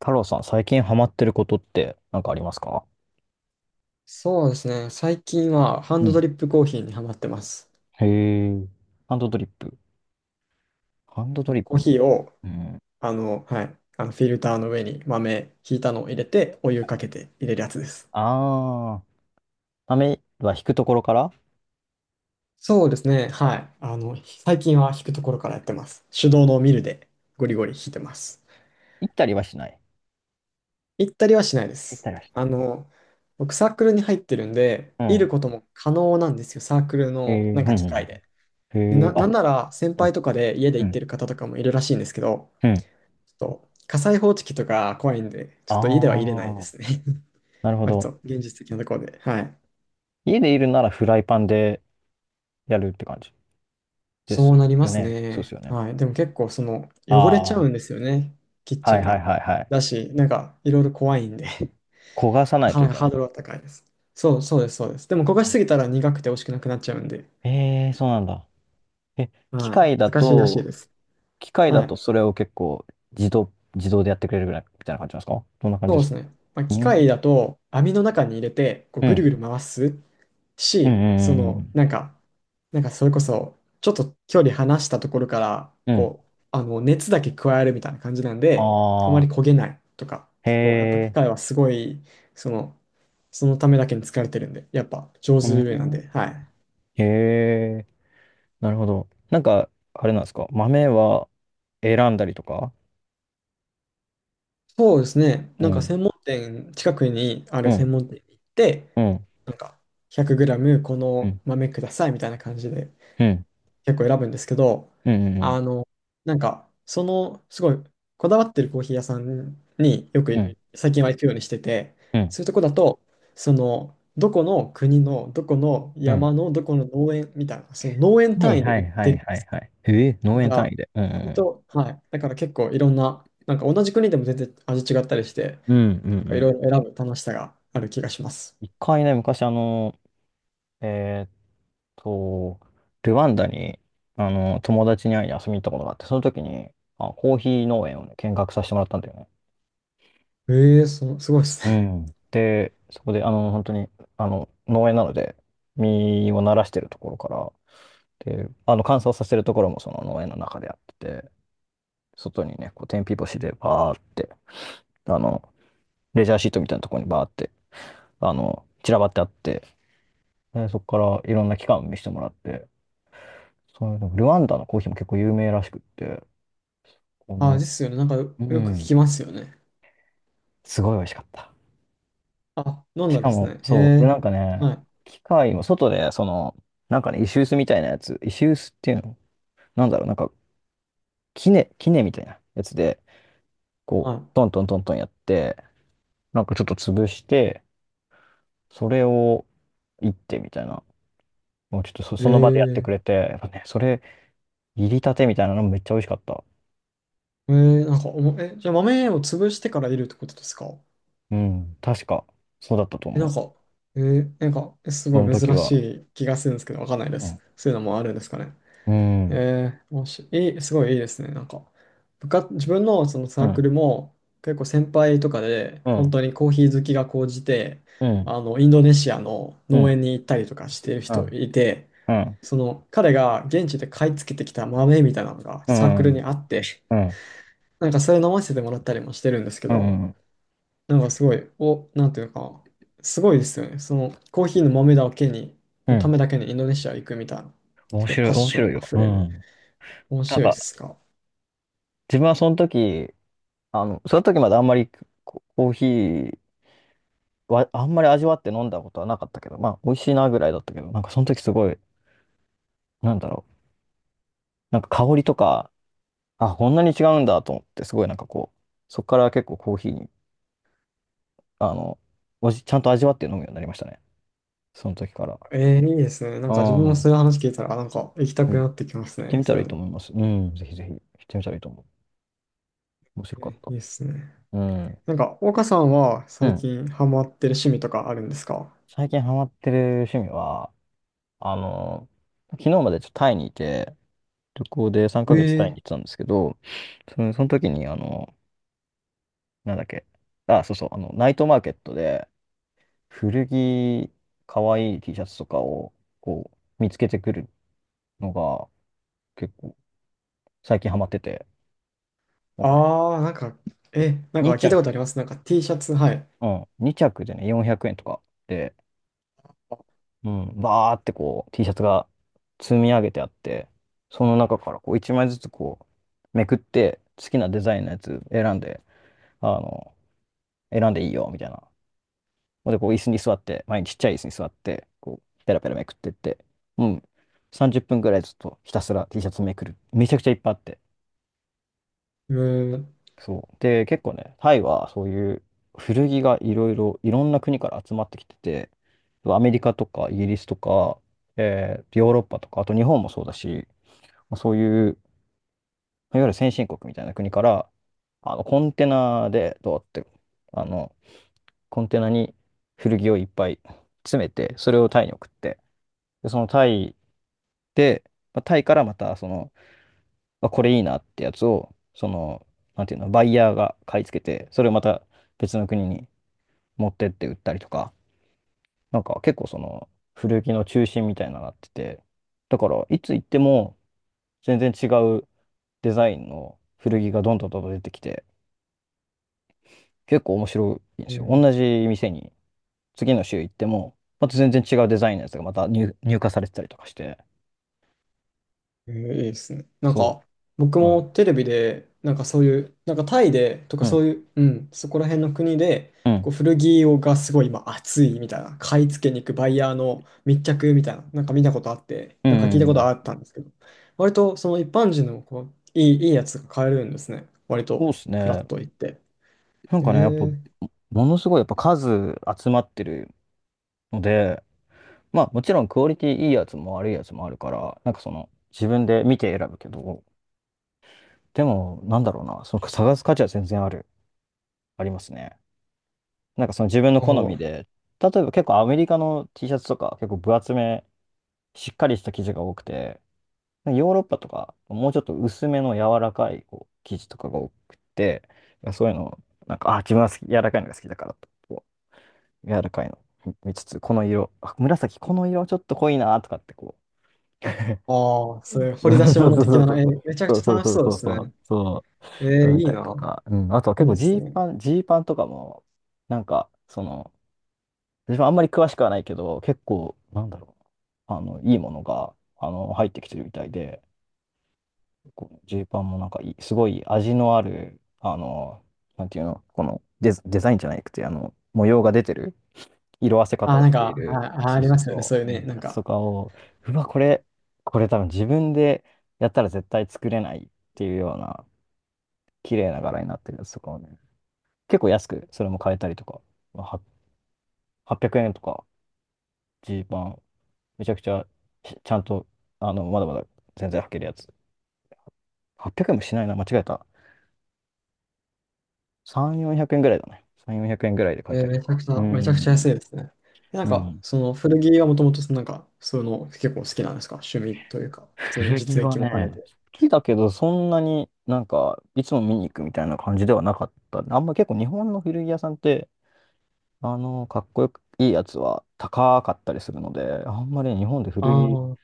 太郎さん、最近ハマってることって何かありますか？そうですね。最近はハンうドドん。リップコーヒーにハマってます。へえ。ハンドドリップ。ハンドあドリのッコープ。ヒーを、うん。はい、あのフィルターの上に豆ひいたのを入れて、お湯かけて入れるやつです。あー。雨は引くところからそうですね。はい。最近は引くところからやってます。手動のミルでゴリゴリ引いてます。行ったりはしない？行ったりはしないで行ったす。りはしあの、僕サークルに入ってるんで、いなるい。ことも可能なんですよ。サークルうん。へのえ。うなんんかう機械んで。うん。で、へえ。なあ、んなら先うん。輩とかで家でう行ってん。る方とかもいるらしいんですけど、うん。ちょっと火災報知器とか怖いんで、あちょっと家では入れないでー。すね。なる ほ割ど。と現実的なところで。はい。家でいるならフライパンでやるって感じ？でそすうなりまよすね。そうですね。よね。はい。でも結構汚れちあゃうんー。ですよね。キッはチいンはいが。はいはい。だし、なんかいろいろ怖いんで、焦がさ なないかといなかけなハーい。ドルは高いです。そう、そうです、そうです。でも焦がしすぎたら苦くて美味しくなくなっちゃうんで、えー、そうなんだ。え、機は械い。だ難しいらしいと、です。機械だはとい。それを結構自動でやってくれるぐらいみたいな感じなんですか？どんな感じですか？ねまあ、う機械ん。だと網の中に入れてこううぐるん。ぐる回すうし、ん。そうの、ん。なんか、なんかそれこそ、ちょっと距離離したところから、うん。こう、熱だけ加えるみたいな感じなんで、あまあありー、焦げないとか、へ結構、やっぱ機え。械はすごい、その、そのためだけに疲れてるんで、やっぱ上う手なんん。で、はい。へえ。なるほど。なんか、あれなんですか、豆は選んだりとか？そうですね、うなんかん。専門店、近くにあうるん。専門店に行って、うん。なんか、100グラムこうのん。豆くださいみたいな感じでうん。結構選ぶんですけど、うん。うあん。の、なんか、すごい、こだわってるコーヒー屋さんによく最近は行くようにしてて、うん。そういうとこだと、どこの国の、どこのうん。山の、どこの農園みたいな、その農園はい単位では売っいはている。はいはい。へえ、だ農か園単ら、位で。う割ん。と、はい。だから結構いろんな、なんか同じ国でも全然味違ったりして、うん。うん。うん。うなんかいろいん。ろ選ぶ楽しさがある気がします。一回ね、昔えと、ルワンダに、友達に会いに遊びに行ったことがあって、その時に、あ、コーヒー農園をね、見学させてもらったんだよね。ええ、すごいですうね。ん。で、そこで、本当に、農園なので、実をならしてるところから、で、乾燥させるところもその農園の中でやってて、外にね、こう、天日干しでバーって、あの、レジャーシートみたいなところにバーって、散らばってあって、で、そこからいろんな機関を見せてもらって、そういうの、ルワンダのコーヒーも結構有名らしくって、こあ、の、ですよね。なんかようく聞ん。きますよね。すごい美味しかった。あ、飲んしだんかですも、ね。へそう。で、え。なんかね、はい。機械も外で、その、なんかね、石臼みたいなやつ、石臼っていうの、なんだろう、なんか、杵みたいなやつで、こはう、トントントントンやって、なんかちょっと潰して、それを、いってみたいな、もうちょっとそ、い。えその場でやってくえ。れて、やっぱね、それ、入りたてみたいなのめっちゃ美味しかった。ええ、なんかおも、え、じゃあ豆を潰してからいるってことですか？うん、確か、そうだったとえ、な思んう。か、えすそごのい時珍しは。い気がするんですけど、わかんないでうす。ん、そういうのもあるんですかね。うえん、え、もし、いい、すごいいいですね。なんか、自分のそのうサークん、ルも、結構先輩とかで、う本ん、当にコーヒー好きが高じて、うん、インドネシアのう農ん、園に行ったりとかしてるう人ん、いて、うん。その彼が現地で買い付けてきた豆みたいなのがうサークん、ルにあって、うん、なんかそれ飲ませてもらったりもしてるんですけうど、ん、なんかすごい、なんていうか、すごいですよね。そのコーヒーの豆だけに、うのたん。めだけにインドネシア行くみたいな、面すごい白い、パッ面シ白ョいンあよ。ふうれる。ん。面なん白いっか、すか？自分はその時、その時まであんまりココーヒーは、あんまり味わって飲んだことはなかったけど、まあ、美味しいなぐらいだったけど、なんかその時すごい、なんだろう、なんか香りとか、あ、こんなに違うんだと思って、すごいなんかこう、そこから結構コーヒーに、あの、ちゃんと味わって飲むようになりましたね。その時から。いいですね。なんうか自分もん。うん。そういう話聞いたら、なんか行きた行くなってきますってね。みたそらういいいうとの。思います。うん、ぜひぜひ行ってみたらいいと思う。面白かっいた。いですね。うん。なんか、岡さんはう最ん。近ハマってる趣味とかあるんですか？最近ハマってる趣味は、あの、昨日までちょっとタイにいて、旅行で3ヶ月えタイに行ーってたんですけど、その、その時に、なんだっけ、あ、そうそう、ナイトマーケットで古着、かわいい T シャツとかを、こう、見つけてくるのが、結構、最近ハマってて、なんかね、ああ、なんか、なんか2聞い着、たことあります。なんか T シャツ、はい。うん、2着でね、400円とかで、うん、バーってこう T シャツが積み上げてあって、その中からこう1枚ずつこうめくって好きなデザインのやつ選んで、あの、選んでいいよみたいな。で、こう椅子に座って、前にちっちゃい椅子に座って、こうペラペラめくってって、うん、30分くらいずっとひたすら T シャツめくる。めちゃくちゃいっぱいあって。うーん、そう。で、結構ね、タイはそういう古着がいろいろ、いろんな国から集まってきてて、アメリカとかイギリスとか、ヨーロッパとか、あと日本もそうだし、まあそういう、いわゆる先進国みたいな国から、コンテナで、どうやって、あの、コンテナに古着をいっぱい詰めて、それをタイに送って、で、そのタイで、まあタイからまた、その、あ、これいいなってやつを、その、なんていうの、バイヤーが買い付けて、それをまた別の国に持ってって売ったりとか、なんか結構その、古着の中心みたいなのになってて、だから、いつ行っても全然違うデザインの古着がどんどんどんどん出てきて、結構面白いんでうーすよ。ん、同じ店に次の週行っても、また全然違うデザインのやつがまた入荷されてたりとかして。いいですね。なんそか、僕う。うもん。テレビで、なんかそういう、なんかタイでとかうそん。ういう、うん、そこら辺の国で、うん。こう古着をがすごい今熱いみたいな、買い付けに行くバイヤーの密着みたいな、なんか見たことあって、うなんか聞いたことん。あったんですけど、割とその一般人のこういいやつが買えるんですね。割そうと、ですフラッね。と行って。なんえかね、やっぱ、ー、ものすごいやっぱ数集まってるので、まあもちろんクオリティいいやつも悪いやつもあるから、なんかその自分で見て選ぶけど、でもなんだろうな、その探す価値は全然ある、ありますね。なんかその自分のあ好みーで、例えば結構アメリカの T シャツとか結構分厚めしっかりした生地が多くて、ヨーロッパとか、もうちょっと薄めの柔らかいこう生地とかが多くて、そういうのを、なんか、あ、自分は好き柔らかいのが好きだからと、こう柔らかいの見つつ、この色、あ、紫、この色ちょっと濃いなとかってこああ、そうう、いう掘り出 しそ物的な、え、めちゃくうちそゃう楽しそうそうそうでそう、そうそうそうすそう、ね。そう、見いいたりとな。か、うん、あとはいい結構でジすーね。パン、ジーパンとかも、なんか、その、私もあんまり詳しくはないけど、結構、なんだろう、いいものが、入ってきてるみたいで、このジーパンもなんかいい、すごい味のある、なんていうの、このデザ、デザインじゃなくて、模様が出てる、色あせ方をなんしていか、あ、る、あそうりそまうすよね。そそういうう、うね、ん、なんやつとか、かを、うわ、これ多分自分でやったら絶対作れないっていうような、綺麗な柄になってるやつとかをね、結構安く、それも買えたりとか、まあは800円とか、ジーパン、めちゃくちゃ、ちゃんと、まだまだ全然履けるやつ。800円もしないな、間違えた。3、400円ぐらいだね。3、400円ぐらいで買えたりとめちゃか。くちうゃ、めちゃくちゃ安ん。いですね。なんうか、ん。その古着はもともと、なんか、そういうの結構好きなんですか？趣味というか、普通に古着実は益も兼ねね、て。好きだけど、そんなになんか、いつも見に行くみたいな感じではなかった。あんま結構日本の古着屋さんって、かっこよくいいやつは高かったりするので、あんまり日本であ古着あ、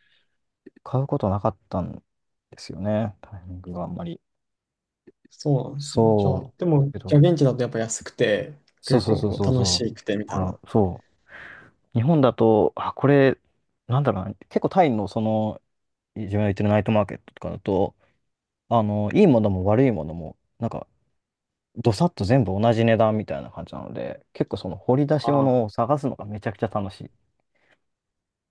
買うことなかったんですよね。タイミングがあんまり。そうなんですね。じゃあ、そでう。だも、けじゃど、あ現地だとやっぱ安くて、そう結そう構そうこうそう楽そしう。くてみたあいな。ら、そう。日本だと、あ、これ、なんだろうな、結構タイのその自分が言ってるナイトマーケットとかだと、いいものも悪いものも、なんか、どさっと全部同じ値段みたいな感じなので、結構その掘り出しああ、物を探すのがめちゃくちゃ楽しい。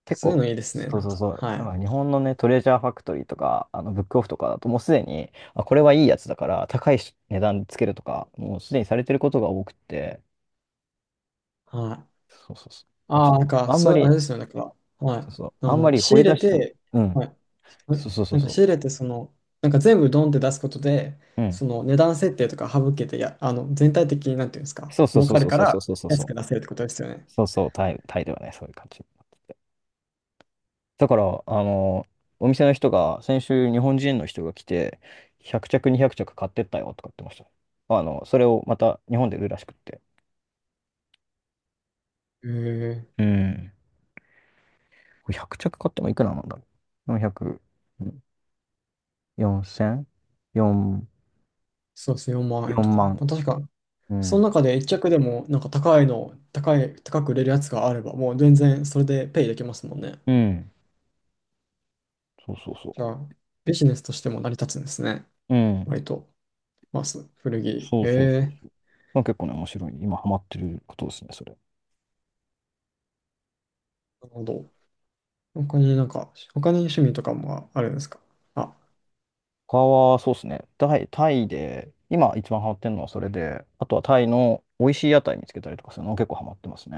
結そういう構、のいいですね。そうなんそうか、そう、はない。んか日本のね、トレジャーファクトリーとか、ブックオフとかだと、もうすでに、あ、これはいいやつだから、高いし値段でつけるとか、もうすでにされてることが多くて、はい。そうそうそう。ちょっああ、なんとか、あんまそう、あり、れですよね、なんか、はい。そうそう、あんまり仕掘入りれ出し、て、うん、はい。そうそうそなうんか仕そ入れて、なんか全部ドンって出すことで、う、うん、その値段設定とか省けて、や、あの、全体的になんていうんですか、そうそう儲そうかるそうかそうそらうそう安そく出う。せるってことですよね。そうそう、タイではね、そういう感じになってて。だから、お店の人が、先週日本人の人が来て、100着、200着買ってったよとか言ってました。それをまた日本で売るらしくって。へえうん。これ100着買ってもいくらなんだろう。400、うん、4 0 4、そうですね、4万円とか。ま万。あ、確か、うそのん。中で一着でも、なんか高いの、高い、高く売れるやつがあれば、もう全然それでペイできますもんね。うん。そうそうそじゃあ、ビジネスとしても成り立つんですね。う。うん。割と、まあ、古着。そうへそうそうえそう。まあ、結構ね、面白い。今ハマってることですね、それ。なるほど。他になんか、他に趣味とかもあるんですか？あ、他はそうですね。タイで、今一番ハマってるのはそれで、あとはタイの美味しい屋台見つけたりとかするの結構ハマってますね。